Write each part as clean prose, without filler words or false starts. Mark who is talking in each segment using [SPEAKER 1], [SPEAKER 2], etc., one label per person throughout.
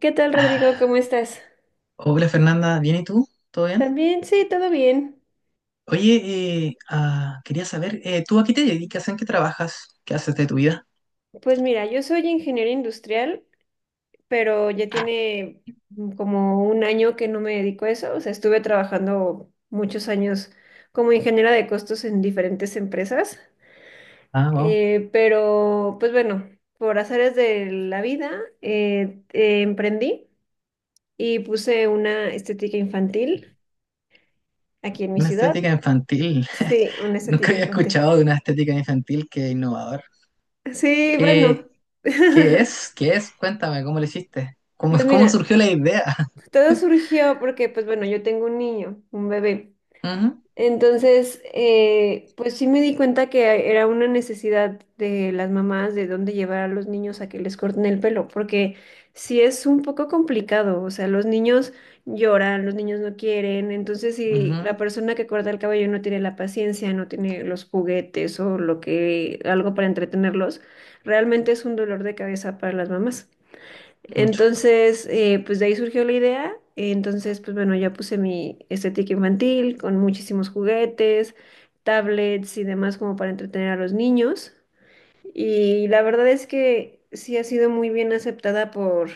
[SPEAKER 1] ¿Qué tal, Rodrigo? ¿Cómo estás?
[SPEAKER 2] Hola Fernanda, ¿bien y tú? ¿Todo bien?
[SPEAKER 1] También, sí, todo bien.
[SPEAKER 2] Oye, quería saber, ¿tú a qué te dedicas? ¿En qué trabajas? ¿Qué haces de tu vida?
[SPEAKER 1] Pues mira, yo soy ingeniero industrial, pero ya tiene como un año que no me dedico a eso. O sea, estuve trabajando muchos años como ingeniera de costos en diferentes empresas.
[SPEAKER 2] Ah, wow,
[SPEAKER 1] Pues bueno, por azares de la vida, emprendí y puse una estética infantil aquí en mi
[SPEAKER 2] una
[SPEAKER 1] ciudad.
[SPEAKER 2] estética infantil.
[SPEAKER 1] Sí, una
[SPEAKER 2] Nunca
[SPEAKER 1] estética
[SPEAKER 2] había
[SPEAKER 1] infantil.
[SPEAKER 2] escuchado de una estética infantil que innovador.
[SPEAKER 1] Sí, bueno.
[SPEAKER 2] ¿Qué, qué es? ¿Qué es? Cuéntame, ¿cómo lo hiciste? ¿Cómo,
[SPEAKER 1] Pues
[SPEAKER 2] cómo
[SPEAKER 1] mira.
[SPEAKER 2] surgió la idea?
[SPEAKER 1] Todo surgió porque, pues bueno, yo tengo un niño, un bebé.
[SPEAKER 2] Ujú,
[SPEAKER 1] Entonces, pues sí me di cuenta que era una necesidad de las mamás de dónde llevar a los niños a que les corten el pelo, porque sí es un poco complicado, o sea, los niños lloran, los niños no quieren. Entonces si la
[SPEAKER 2] ujú,
[SPEAKER 1] persona que corta el cabello no tiene la paciencia, no tiene los juguetes o lo que, algo para entretenerlos, realmente es un dolor de cabeza para las mamás.
[SPEAKER 2] mucho.
[SPEAKER 1] Entonces, pues de ahí surgió la idea. Entonces, pues bueno, ya puse mi estética infantil con muchísimos juguetes, tablets y demás como para entretener a los niños. Y la verdad es que sí ha sido muy bien aceptada por,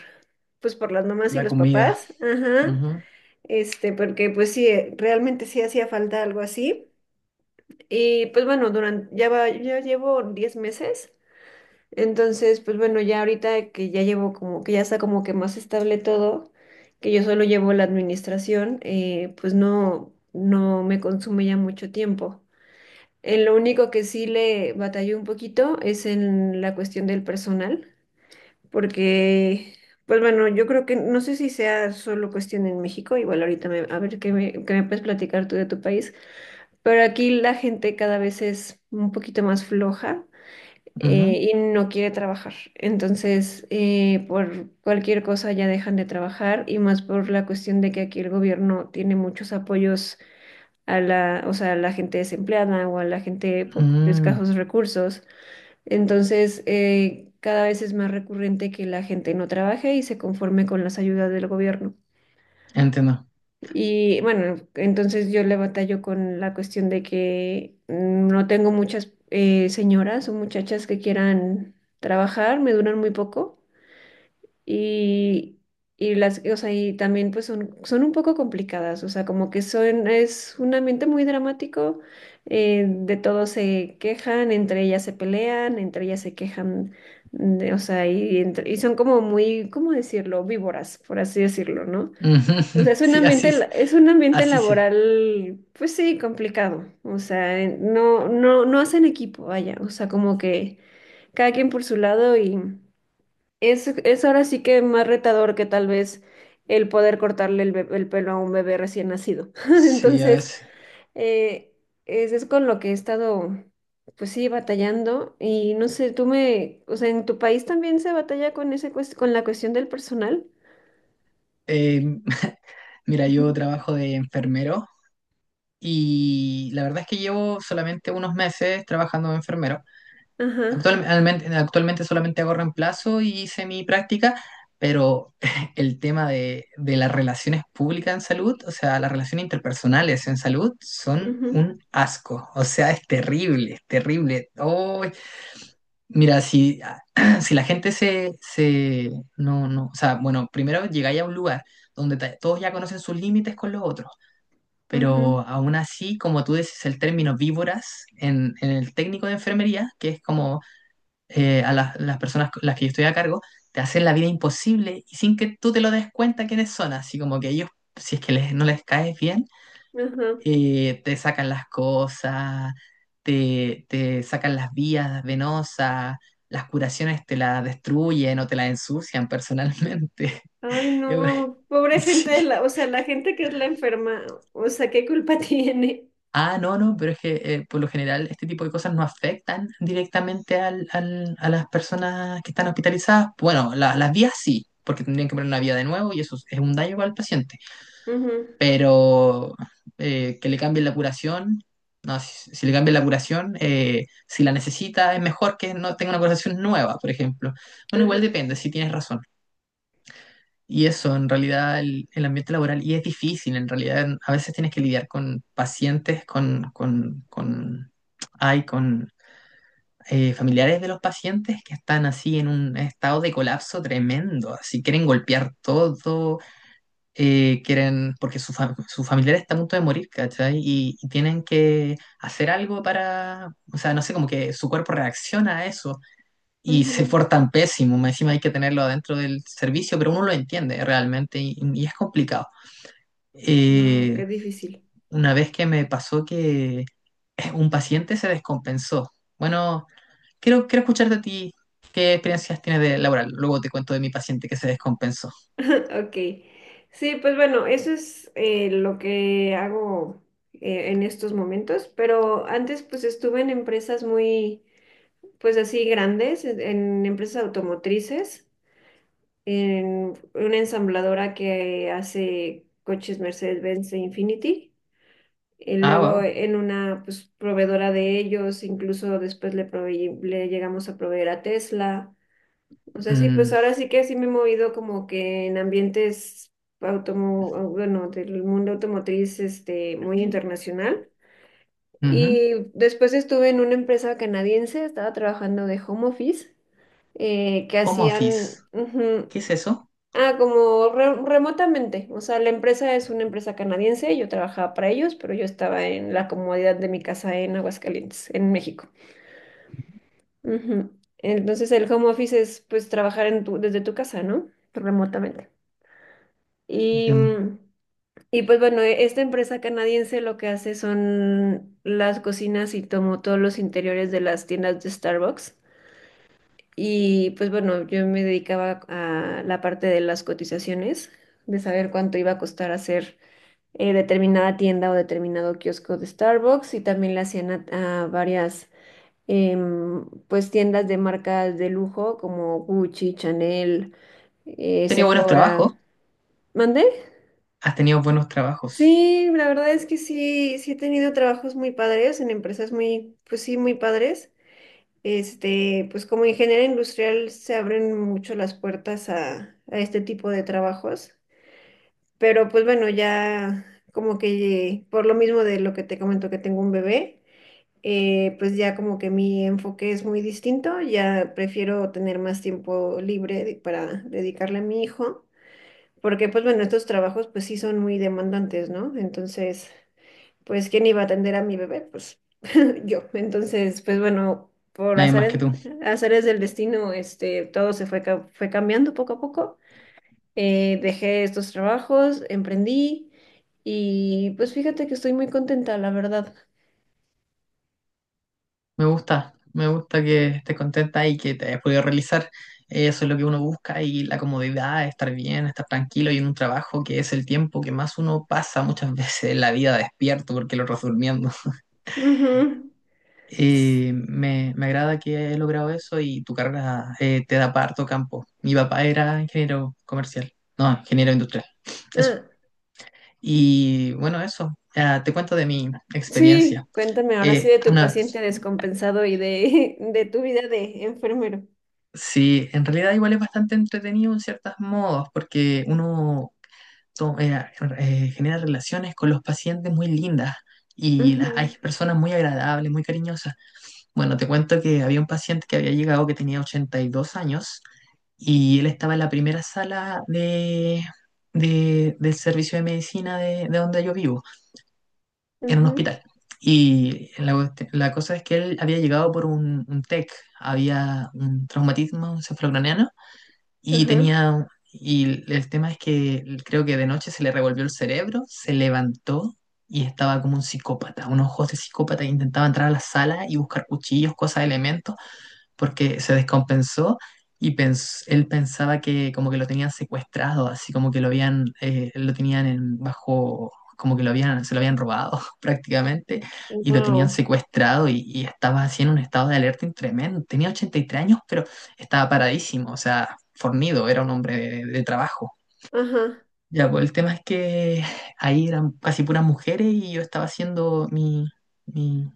[SPEAKER 1] pues por las mamás y
[SPEAKER 2] La
[SPEAKER 1] los
[SPEAKER 2] comida.
[SPEAKER 1] papás. Ajá.
[SPEAKER 2] Ujú,
[SPEAKER 1] Este, porque pues sí, realmente sí hacía falta algo así. Y pues bueno, durante, ya va, ya llevo 10 meses. Entonces, pues bueno, ya ahorita que ya llevo como que ya está como que más estable todo, que yo solo llevo la administración, pues no, no me consume ya mucho tiempo. En lo único que sí le batallé un poquito es en la cuestión del personal, porque, pues bueno, yo creo que no sé si sea solo cuestión en México, igual ahorita me- a ver qué me puedes platicar tú de tu país, pero aquí la gente cada vez es un poquito más floja
[SPEAKER 2] ujú,
[SPEAKER 1] y no quiere trabajar. Entonces, por cualquier cosa ya dejan de trabajar y más por la cuestión de que aquí el gobierno tiene muchos apoyos a la, o sea, a la gente desempleada o a la gente po- de
[SPEAKER 2] mm,
[SPEAKER 1] escasos recursos. Entonces, cada vez es más recurrente que la gente no trabaje y se conforme con las ayudas del gobierno.
[SPEAKER 2] entiendo.
[SPEAKER 1] Y bueno, entonces yo le batallo con la cuestión de que no tengo muchas señoras o muchachas que quieran trabajar, me duran muy poco y, y las, o sea, y también pues son, son un poco complicadas, o sea, como que son, es un ambiente muy dramático, de todos se quejan, entre ellas se pelean, entre ellas se quejan, de- o sea, y, entre- y son como muy, ¿cómo decirlo? Víboras, por así decirlo, ¿no?
[SPEAKER 2] Ujú,
[SPEAKER 1] O sea, es un
[SPEAKER 2] sí,
[SPEAKER 1] ambiente,
[SPEAKER 2] así,
[SPEAKER 1] la- es un ambiente
[SPEAKER 2] así sé.
[SPEAKER 1] laboral, pues sí, complicado. O sea, en- no, no, no hacen equipo, vaya. O sea, como que cada quien por su lado y es ahora sí que más retador que tal vez el poder cortarle el, be- el pelo a un bebé recién nacido.
[SPEAKER 2] Sí, a
[SPEAKER 1] Entonces,
[SPEAKER 2] veces.
[SPEAKER 1] eh, es con lo que he estado, pues sí, batallando. Y no sé, tú me, o sea, ¿en tu país también se batalla con ese, cues- con la cuestión del personal?
[SPEAKER 2] Eh, mira, yo
[SPEAKER 1] Ujú.
[SPEAKER 2] trabajo de enfermero y la verdad es que llevo solamente unos meses trabajando de enfermero.
[SPEAKER 1] Ajá.
[SPEAKER 2] Actualmente solamente hago reemplazo y hice mi práctica, pero el tema de las relaciones públicas en salud, o sea, las relaciones interpersonales en salud, son
[SPEAKER 1] Ujú,
[SPEAKER 2] un asco. O sea, es terrible, es terrible. Oh, mira, si, si la gente se, se... No, no, o sea, bueno, primero llegáis a un lugar donde todos ya conocen sus límites con los otros, pero
[SPEAKER 1] ujú.
[SPEAKER 2] aún así, como tú dices, el término víboras en el técnico de enfermería, que es como a las personas con las que yo estoy a cargo, te hacen la vida imposible y sin que tú te lo des cuenta quiénes son, así como que ellos, si es que les, no les caes bien,
[SPEAKER 1] Ajá.
[SPEAKER 2] te sacan las cosas, te sacan las vías venosas, las curaciones te las destruyen o te las ensucian personalmente.
[SPEAKER 1] Ay,
[SPEAKER 2] Bueno,
[SPEAKER 1] no, pobre
[SPEAKER 2] sí.
[SPEAKER 1] gente de la, o sea, la gente que es la enferma, o sea, ¿qué culpa tiene?
[SPEAKER 2] Ah, no, no, pero es que por lo general este tipo de cosas no afectan directamente a las personas que están hospitalizadas. Bueno, las vías sí, porque tendrían que poner una vía de nuevo y eso es un daño para el paciente,
[SPEAKER 1] Ujú,
[SPEAKER 2] pero que le cambien la curación, no, si, si le cambian la curación, si la necesita, es mejor que no tenga una curación nueva, por ejemplo. Bueno,
[SPEAKER 1] ajá,
[SPEAKER 2] igual depende, si tienes razón. Y eso, en realidad, el ambiente laboral, y es difícil, en realidad, a veces tienes que lidiar con pacientes, con, ay, con familiares de los pacientes que están así en un estado de colapso tremendo, así quieren golpear todo, quieren, porque su, su familiar está a punto de morir, ¿cachai? Y tienen que hacer algo para, o sea, no sé, como que su cuerpo reacciona a eso y se portan pésimo, más encima hay que tenerlo adentro del servicio, pero uno lo entiende realmente y es complicado.
[SPEAKER 1] wow,
[SPEAKER 2] Eh,
[SPEAKER 1] qué difícil.
[SPEAKER 2] una vez que me pasó que un paciente se descompensó. Bueno, quiero escucharte a ti. ¿Qué experiencias tienes de laboral? Luego te cuento de mi paciente que se descompensó.
[SPEAKER 1] Ok. Sí, pues bueno, eso es lo que hago en estos momentos, pero antes pues estuve en empresas muy, pues así grandes, en empresas automotrices, en una ensambladora que hace coches Mercedes-Benz e Infiniti.
[SPEAKER 2] Ah,
[SPEAKER 1] Luego
[SPEAKER 2] wow.
[SPEAKER 1] en una pues, proveedora de ellos, incluso después le, proveí- le llegamos a proveer a Tesla. O sea, sí, pues
[SPEAKER 2] Mm,
[SPEAKER 1] ahora sí que sí me he movido como que en ambientes automo bueno, del mundo automotriz este, muy internacional.
[SPEAKER 2] ujú.
[SPEAKER 1] Y después estuve en una empresa canadiense, estaba trabajando de home office, que
[SPEAKER 2] Home
[SPEAKER 1] hacían,
[SPEAKER 2] office.
[SPEAKER 1] ujú.
[SPEAKER 2] ¿Qué es eso?
[SPEAKER 1] Ah, como re- remotamente. O sea, la empresa es una empresa canadiense, yo trabajaba para ellos, pero yo estaba en la comodidad de mi casa en Aguascalientes, en México. Ujú. Entonces el home office es pues trabajar en tu- desde tu casa, ¿no? Remotamente. Y,
[SPEAKER 2] Entiendo.
[SPEAKER 1] y pues bueno, e- esta empresa canadiense lo que hace son las cocinas y tomó todos los interiores de las tiendas de Starbucks. Y pues bueno, yo me dedicaba a la parte de las cotizaciones, de saber cuánto iba a costar hacer determinada tienda o determinado kiosco de Starbucks y también le hacían a varias pues tiendas de marcas de lujo como Gucci, Chanel,
[SPEAKER 2] He tenido buenos trabajos.
[SPEAKER 1] Sephora. ¿Mandé?
[SPEAKER 2] Has tenido buenos trabajos.
[SPEAKER 1] Sí, la verdad es que sí, sí he tenido trabajos muy padres en empresas muy, pues sí, muy padres. Este, pues como ingeniera industrial se abren mucho las puertas a este tipo de trabajos, pero pues bueno, ya como que por lo mismo de lo que te comento que tengo un bebé, pues ya como que mi enfoque es muy distinto, ya prefiero tener más tiempo libre de- para dedicarle a mi hijo, porque pues bueno, estos trabajos pues sí son muy demandantes, ¿no? Entonces, pues ¿quién iba a atender a mi bebé? Pues yo. Entonces, pues bueno, por
[SPEAKER 2] Nadie más que
[SPEAKER 1] azares,
[SPEAKER 2] tú.
[SPEAKER 1] azares del destino, este, todo se fue, ca- fue cambiando poco a poco. Dejé estos trabajos, emprendí y pues fíjate que estoy muy contenta, la verdad.
[SPEAKER 2] Me gusta. Me gusta que estés contenta y que te hayas podido realizar. Eso es lo que uno busca y la comodidad, estar bien, estar tranquilo y en un trabajo que es el tiempo que más uno pasa muchas veces en la vida despierto porque lo otro es durmiendo.
[SPEAKER 1] Ujú. S-
[SPEAKER 2] Me agrada que he logrado eso y tu carrera, te da parto campo. Mi papá era ingeniero comercial, no, ingeniero industrial. Eso.
[SPEAKER 1] ah.
[SPEAKER 2] Y bueno, eso, ah, te cuento de mi
[SPEAKER 1] Sí,
[SPEAKER 2] experiencia.
[SPEAKER 1] cuéntame ahora sí de tu
[SPEAKER 2] Ana,
[SPEAKER 1] paciente descompensado y de, de tu vida de enfermero.
[SPEAKER 2] sí, en realidad igual es bastante entretenido en ciertos modos, porque uno to- eh, genera relaciones con los pacientes muy lindas y hay
[SPEAKER 1] Ujú,
[SPEAKER 2] personas muy agradables, muy cariñosas. Bueno, te cuento que había un paciente que había llegado que tenía 82 años y él estaba en la primera sala del servicio de medicina de donde yo vivo, en un
[SPEAKER 1] ujú,
[SPEAKER 2] hospital. Y la, la cosa es que él había llegado por un TEC, había un traumatismo un y
[SPEAKER 1] ajá.
[SPEAKER 2] tenía... Y el tema es que creo que de noche se le revolvió el cerebro, se levantó y estaba como un psicópata, unos ojos de psicópata que intentaba entrar a la sala y buscar cuchillos, cosas, elementos, porque se descompensó y él pensaba que como que lo tenían secuestrado, así como que lo habían, lo tenían en bajo, como que lo habían, se lo habían robado prácticamente y lo tenían
[SPEAKER 1] Wow.
[SPEAKER 2] secuestrado y estaba así en un estado de alerta tremendo. Tenía 83 años, pero estaba paradísimo, o sea, fornido, era un hombre de trabajo.
[SPEAKER 1] Ajá.
[SPEAKER 2] Ya, pues el tema es que ahí eran casi puras mujeres y yo estaba haciendo mi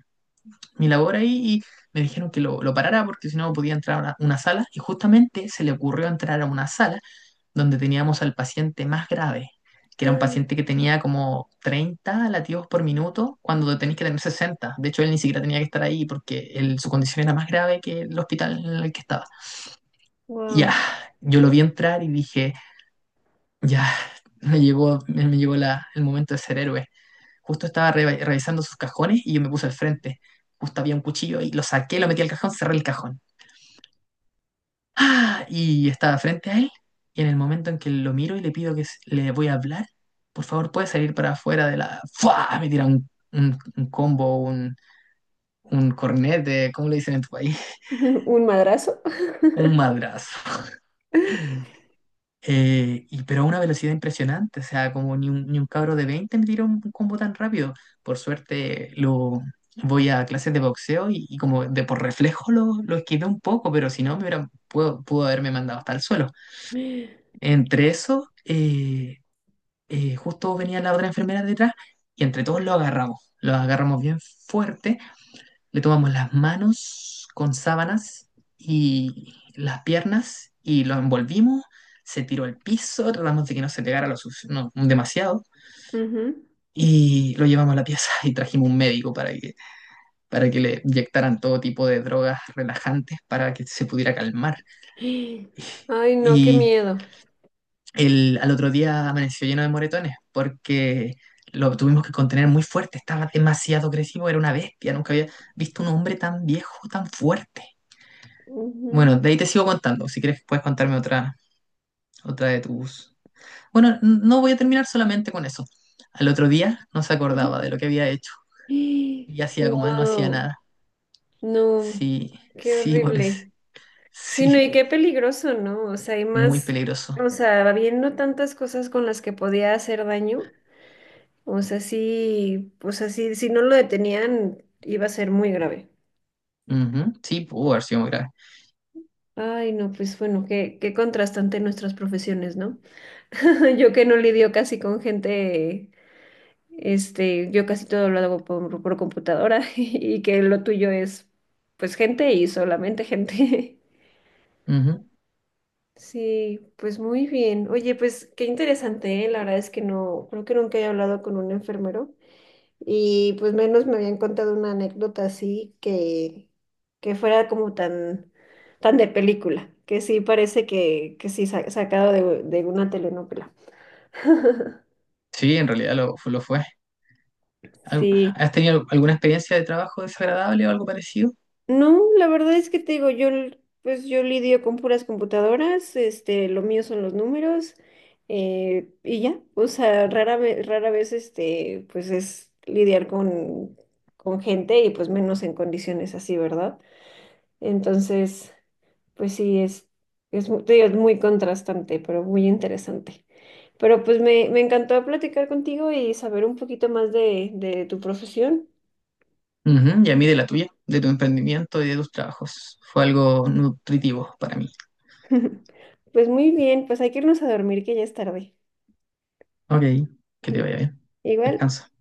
[SPEAKER 2] mi labor ahí y me dijeron que lo parara porque si no podía entrar a una sala y justamente se le ocurrió entrar a una sala donde teníamos al paciente más grave, que era un paciente que tenía como 30 latidos por minuto cuando tenéis que tener 60. De hecho, él ni siquiera tenía que estar ahí porque su condición era más grave que el hospital en el que estaba. Ya,
[SPEAKER 1] Wow.
[SPEAKER 2] yo lo vi entrar y dije, ya, me llegó el momento de ser héroe. Justo estaba revisando sus cajones y yo me puse al frente. Justo había un cuchillo y lo saqué, lo metí al cajón, cerré el cajón. ¡Ah! Y estaba frente a él. Y en el momento en que lo miro y le pido que le voy a hablar, por favor, puede salir para afuera de la. ¡Fua! Me tira un combo, un cornete, ¿cómo le dicen en tu país?
[SPEAKER 1] ¿Un madrazo?
[SPEAKER 2] Un madrazo. Pero a una velocidad impresionante, o sea, como ni un, ni un cabro de 20 me tiró un combo tan rápido. Por suerte lo voy a clases de boxeo y como de por reflejo lo esquivé un poco, pero si no me hubiera, pudo, pudo haberme mandado hasta el suelo. Entre eso, justo venía la otra enfermera detrás y entre todos lo agarramos. Lo agarramos bien fuerte, le tomamos las manos con sábanas y las piernas y lo envolvimos. Se tiró al piso, tratamos de que no se pegara no, demasiado
[SPEAKER 1] Ujú.
[SPEAKER 2] y lo llevamos a la pieza y trajimos un médico para que le inyectaran todo tipo de drogas relajantes para que se pudiera calmar.
[SPEAKER 1] Ay, no, qué
[SPEAKER 2] Y
[SPEAKER 1] miedo.
[SPEAKER 2] al otro día amaneció lleno de moretones porque lo tuvimos que contener muy fuerte, estaba demasiado agresivo, era una bestia, nunca había visto un hombre tan viejo, tan fuerte.
[SPEAKER 1] Wow.
[SPEAKER 2] Bueno, de ahí te sigo contando. Si quieres, puedes contarme otra, otra de tus... Bueno, no voy a terminar solamente con eso. Al otro día no se acordaba de lo que había hecho y hacía como no hacía nada.
[SPEAKER 1] No,
[SPEAKER 2] Sí,
[SPEAKER 1] qué
[SPEAKER 2] sí, Boris.
[SPEAKER 1] horrible. Sí, no,
[SPEAKER 2] Sí,
[SPEAKER 1] y qué peligroso, ¿no? O sea, hay
[SPEAKER 2] muy
[SPEAKER 1] más,
[SPEAKER 2] peligroso.
[SPEAKER 1] o sea, habiendo tantas cosas con las que podía hacer daño. O sea, sí, si no lo detenían, iba a ser muy grave.
[SPEAKER 2] Ujú, sí, pudo haber sido muy grave.
[SPEAKER 1] Ay, no, pues bueno, qué, qué contrastante nuestras profesiones, ¿no? Yo que no lidio casi con gente, este, yo casi todo lo hago por computadora y que lo tuyo es, pues, gente y solamente gente.
[SPEAKER 2] Ujú,
[SPEAKER 1] Sí, pues muy bien. Oye, pues qué interesante, ¿eh? La verdad es que no, creo que nunca he hablado con un enfermero. Y pues menos me habían contado una anécdota así que fuera como tan, tan de película, que sí parece que sí sa- sacado de una telenovela.
[SPEAKER 2] sí, en realidad lo, lo fue. Al-
[SPEAKER 1] Sí.
[SPEAKER 2] ¿has tenido alguna experiencia de trabajo desagradable o algo parecido?
[SPEAKER 1] No, la verdad es que te digo, yo l- pues yo lidio con puras computadoras, este, lo mío son los números, y ya. O sea, rara vez este, pues es lidiar con gente y pues menos en condiciones así, ¿verdad? Entonces, pues sí, es, mu- te digo, es muy contrastante, pero muy interesante. Pero pues me encantó platicar contigo y saber un poquito más de tu profesión.
[SPEAKER 2] Ujú, y a mí de la tuya, de tu emprendimiento y de tus trabajos. Fue algo nutritivo para mí.
[SPEAKER 1] Pues muy bien, pues hay que irnos a dormir que ya es tarde.
[SPEAKER 2] Ok, que te vaya bien.
[SPEAKER 1] Igual.
[SPEAKER 2] Descansa.